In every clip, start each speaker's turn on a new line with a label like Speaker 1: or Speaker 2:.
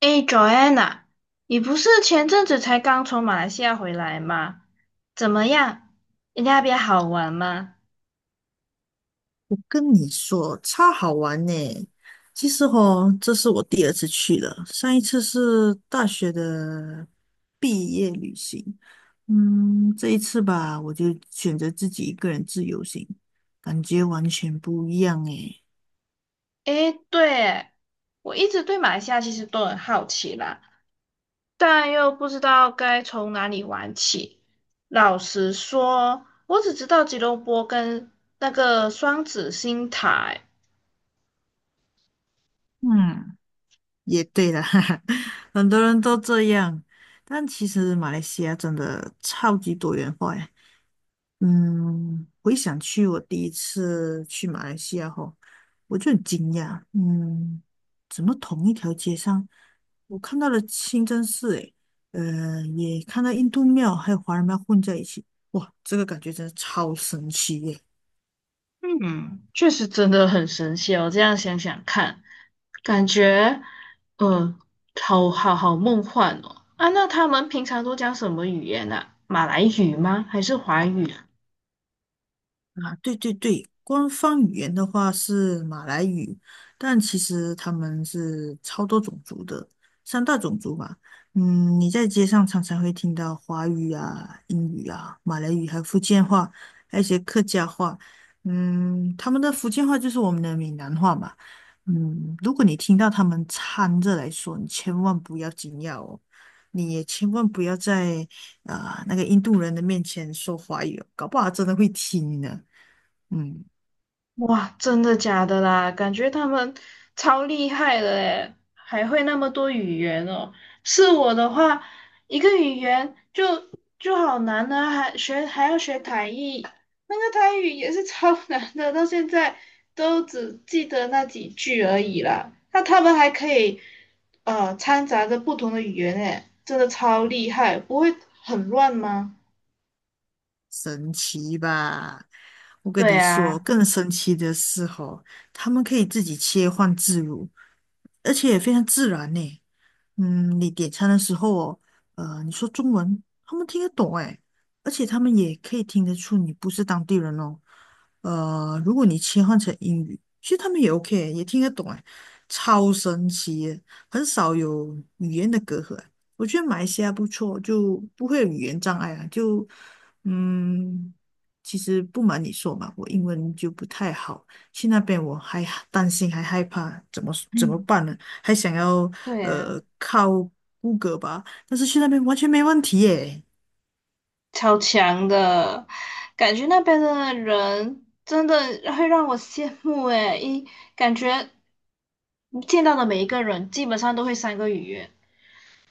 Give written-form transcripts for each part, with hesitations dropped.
Speaker 1: 诶 Joanna, 你不是前阵子才刚从马来西亚回来吗？怎么样？你那边好玩吗？
Speaker 2: 我跟你说，超好玩呢！其实哦，这是我第二次去了，上一次是大学的毕业旅行。这一次吧，我就选择自己一个人自由行，感觉完全不一样诶。
Speaker 1: 诶，对，我一直对马来西亚其实都很好奇啦，但又不知道该从哪里玩起。老实说，我只知道吉隆坡跟那个双子星塔。
Speaker 2: 嗯，也对啦，哈哈，很多人都这样，但其实马来西亚真的超级多元化呀。回想去我第一次去马来西亚后，我就很惊讶，怎么同一条街上，我看到了清真寺，诶，也看到印度庙还有华人庙混在一起，哇，这个感觉真的超神奇耶！
Speaker 1: 嗯，确实真的很神奇哦。这样想想看，感觉，呃，好梦幻哦。啊，那他们平常都讲什么语言呢、啊马来语吗？还是华语啊？
Speaker 2: 啊，对对对，官方语言的话是马来语，但其实他们是超多种族的，三大种族吧。你在街上常常会听到华语啊、英语啊、马来语，还有福建话，还有一些客家话。他们的福建话就是我们的闽南话嘛。如果你听到他们掺着来说，你千万不要惊讶哦，你也千万不要在那个印度人的面前说华语哦，搞不好他真的会听呢。嗯，
Speaker 1: 哇，真的假的啦？感觉他们超厉害的诶，还会那么多语言哦。是我的话，一个语言就好难呢，还要学台语，那个台语也是超 难的，到现在都只记得那几句而已啦。那他们还可以掺杂着不同的语言诶，真的超厉害，不会很乱吗？
Speaker 2: 神奇吧？我跟
Speaker 1: 对
Speaker 2: 你说，
Speaker 1: 啊。
Speaker 2: 更神奇的是哦，他们可以自己切换自如，而且也非常自然呢。你点餐的时候哦，你说中文，他们听得懂诶，而且他们也可以听得出你不是当地人哦。如果你切换成英语，其实他们也 OK，也听得懂诶，超神奇耶，很少有语言的隔阂。我觉得马来西亚不错，就不会有语言障碍啊。就嗯，其实不瞒你说嘛，我英文就不太好，去那边我还担心还害怕，怎么怎么
Speaker 1: 嗯，
Speaker 2: 办呢？还想要
Speaker 1: 对啊。
Speaker 2: 靠谷歌吧，但是去那边完全没问题耶。
Speaker 1: 超强的，感觉那边的人真的会让我羡慕诶，一感觉你见到的每一个人基本上都会3个语言，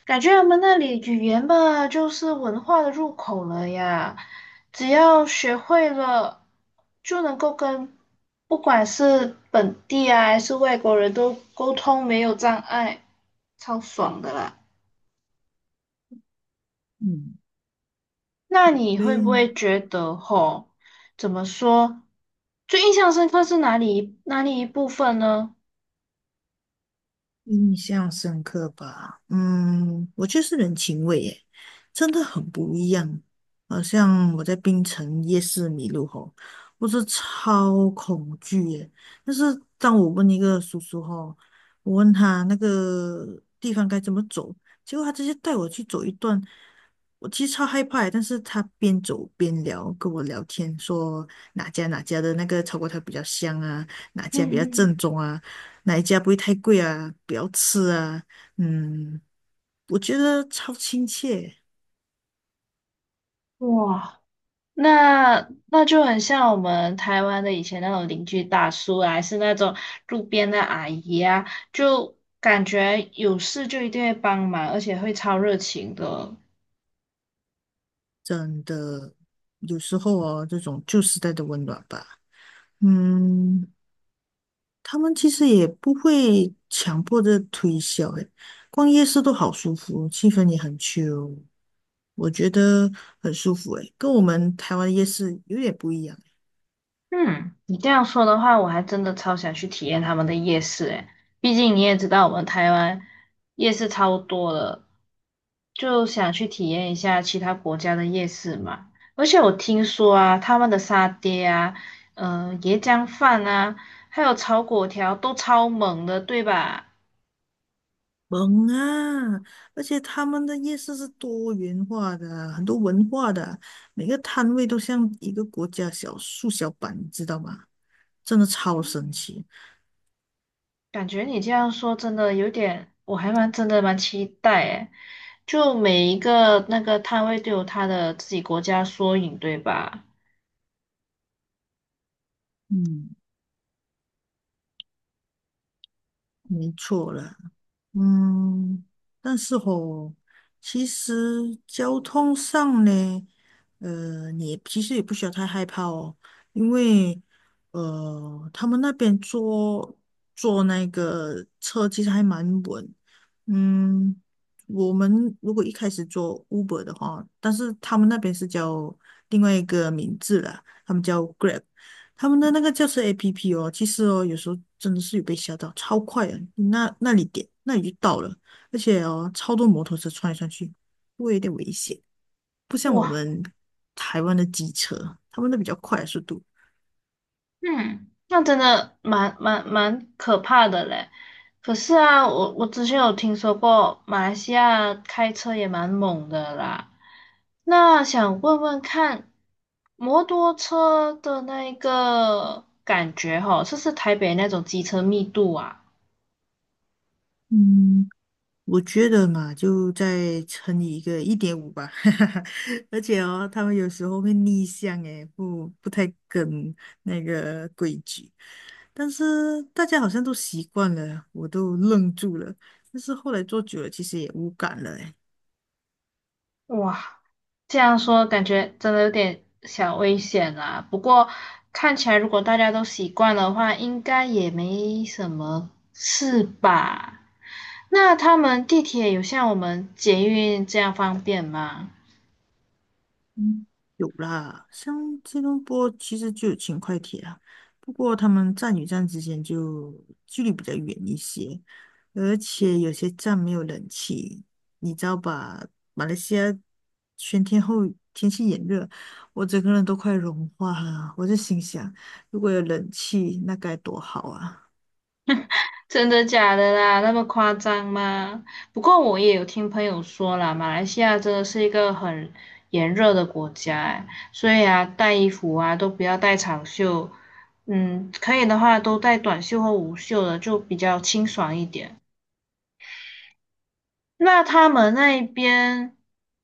Speaker 1: 感觉他们那里语言吧就是文化的入口了呀，只要学会了就能够跟不管是本地啊还是外国人都沟通没有障碍，超爽的啦。
Speaker 2: 嗯，
Speaker 1: 那你会
Speaker 2: 对
Speaker 1: 不
Speaker 2: 呀，
Speaker 1: 会觉得吼，怎么说，最印象深刻是哪里一部分呢？
Speaker 2: 印象深刻吧？嗯，我觉得是人情味耶，真的很不一样。好像我在槟城夜市迷路吼，我是超恐惧耶。但是当我问一个叔叔吼，我问他那个地方该怎么走，结果他直接带我去走一段，我其实超害怕耶，但是他边走边聊，跟我聊天，说哪家的那个炒粿条比较香啊，哪家比较
Speaker 1: 嗯
Speaker 2: 正宗啊。哪一家不会太贵啊？不要吃啊，嗯，我觉得超亲切，
Speaker 1: 哼，哇，那那就很像我们台湾的以前那种邻居大叔啊，还是那种路边的阿姨啊，就感觉有事就一定会帮忙，而且会超热情的。
Speaker 2: 真的，有时候哦，这种旧时代的温暖吧，嗯，他们其实也不会强迫的推销，诶，逛夜市都好舒服，气氛也很 chill，我觉得很舒服，诶，跟我们台湾夜市有点不一样。
Speaker 1: 嗯，你这样说的话，我还真的超想去体验他们的夜市诶，毕竟你也知道我们台湾夜市超多的，就想去体验一下其他国家的夜市嘛。而且我听说啊，他们的沙爹啊，嗯，椰浆饭啊，还有炒粿条都超猛的，对吧？
Speaker 2: 萌啊！而且他们的夜市是多元化的，很多文化的，每个摊位都像一个国家小缩小版，你知道吗？真的超神
Speaker 1: 嗯，
Speaker 2: 奇。
Speaker 1: 感觉你这样说真的有点，我真的蛮期待诶，就每一个那个摊位都有他的自己国家缩影，对吧？
Speaker 2: 嗯，没错了。嗯，但是吼，其实交通上呢，你也其实也不需要太害怕哦，因为他们那边坐那个车其实还蛮稳。嗯，我们如果一开始做 Uber 的话，但是他们那边是叫另外一个名字啦，他们叫 Grab。他们的那个轿车 APP 哦，其实哦，有时候真的是有被吓到，超快啊！你那里点，那里就到了，而且哦，超多摩托车穿来穿去，会有点危险。不像我
Speaker 1: 哇。
Speaker 2: 们台湾的机车，他们的比较快的速度。
Speaker 1: 嗯，那真的蛮可怕的嘞。可是啊，我之前有听说过马来西亚开车也蛮猛的啦。那想问问看，摩托车的那一个感觉吼，是不是台北那种机车密度啊？
Speaker 2: 嗯，我觉得嘛，就再乘以一个一点五吧。而且哦，他们有时候会逆向，诶，不太跟那个规矩。但是大家好像都习惯了，我都愣住了。但是后来做久了，其实也无感了诶。
Speaker 1: 哇，这样说感觉真的有点小危险啦。不过看起来如果大家都习惯的话，应该也没什么事吧。那他们地铁有像我们捷运这样方便吗？
Speaker 2: 嗯，有啦，像吉隆坡其实就有轻快铁啊，不过他们站与站之间就距离比较远一些，而且有些站没有冷气，你知道吧？马来西亚全天候天气炎热，我整个人都快融化了。我就心想，如果有冷气，那该多好啊！
Speaker 1: 真的假的啦？那么夸张吗？不过我也有听朋友说啦，马来西亚真的是一个很炎热的国家，哎，所以啊，带衣服啊都不要带长袖，嗯，可以的话都带短袖或无袖的，就比较清爽一点。那他们那一边，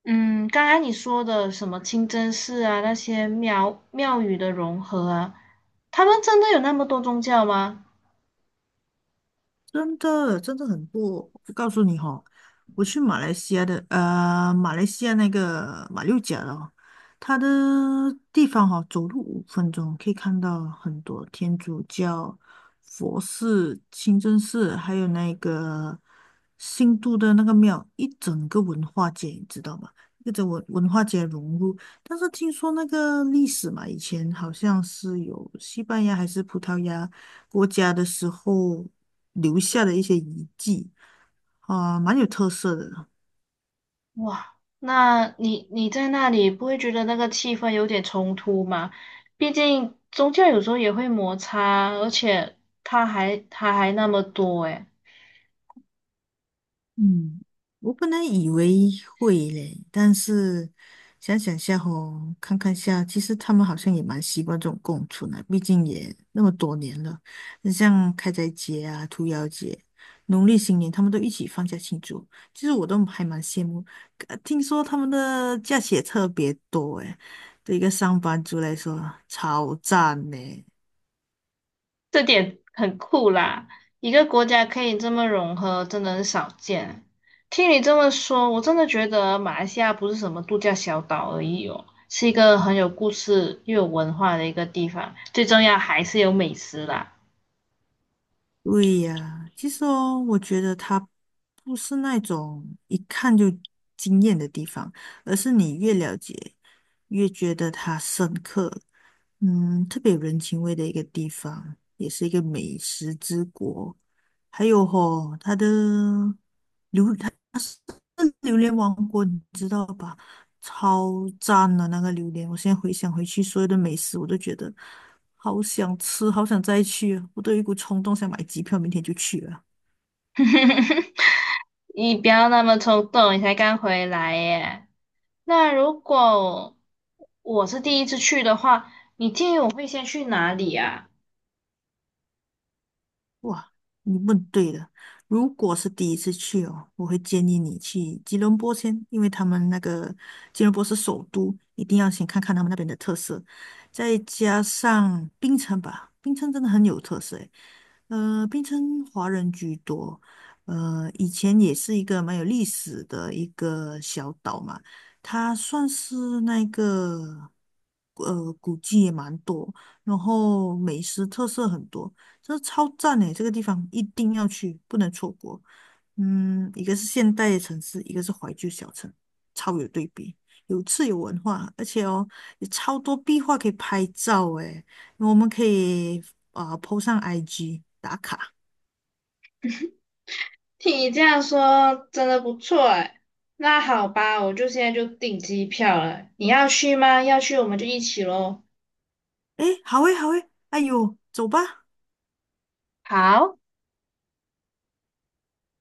Speaker 1: 嗯，刚才你说的什么清真寺啊，那些庙宇的融合啊，他们真的有那么多宗教吗？
Speaker 2: 真的真的很多。我告诉你哈、我去马来西亚的呃，马来西亚那个马六甲了，哦，它的地方哈、走路五分钟可以看到很多天主教、佛寺、清真寺，还有那个新都的那个庙，一整个文化街，你知道吗？一个文化街融入，但是听说那个历史嘛，以前好像是有西班牙还是葡萄牙。国家的时候留下的一些遗迹啊，蛮有特色的。
Speaker 1: 哇，那你在那里不会觉得那个气氛有点冲突吗？毕竟宗教有时候也会摩擦，而且他还那么多诶。
Speaker 2: 嗯，我本来以为会嘞，但是想想下吼，看看下，其实他们好像也蛮习惯这种共存的，毕竟也那么多年了。像开斋节啊、屠妖节、农历新年，他们都一起放假庆祝，其实我都还蛮羡慕。听说他们的假期也特别多诶，对一个上班族来说超赞嘞。
Speaker 1: 这点很酷啦！一个国家可以这么融合，真的很少见。听你这么说，我真的觉得马来西亚不是什么度假小岛而已哦，是一个很有故事又有文化的一个地方。最重要还是有美食啦。
Speaker 2: 对呀，其实哦，我觉得它不是那种一看就惊艳的地方，而是你越了解，越觉得它深刻。嗯，特别有人情味的一个地方，也是一个美食之国。还有吼、它的榴莲王国你知道吧？超赞的那个榴莲，我现在回想回去所有的美食，我都觉得好想吃，好想再去啊，我都有一股冲动想买机票，明天就去了。
Speaker 1: 你不要那么冲动，你才刚回来耶。那如果我是第一次去的话，你建议我会先去哪里啊？
Speaker 2: 哇，你问对了。如果是第一次去哦，我会建议你去吉隆坡先，因为他们那个吉隆坡是首都，一定要先看看他们那边的特色，再加上槟城吧，槟城真的很有特色诶。槟城华人居多，以前也是一个蛮有历史的一个小岛嘛，它算是那个古迹也蛮多，然后美食特色很多。这超赞诶，这个地方一定要去，不能错过。嗯，一个是现代的城市，一个是怀旧小城，超有对比，有趣有文化，而且哦，有超多壁画可以拍照诶，我们可以 po 上 IG 打卡。
Speaker 1: 听你这样说，真的不错哎。那好吧，我就现在就订机票了。你要去吗？要去我们就一起喽。
Speaker 2: 诶，好诶，好诶，哎呦，走吧。
Speaker 1: 好。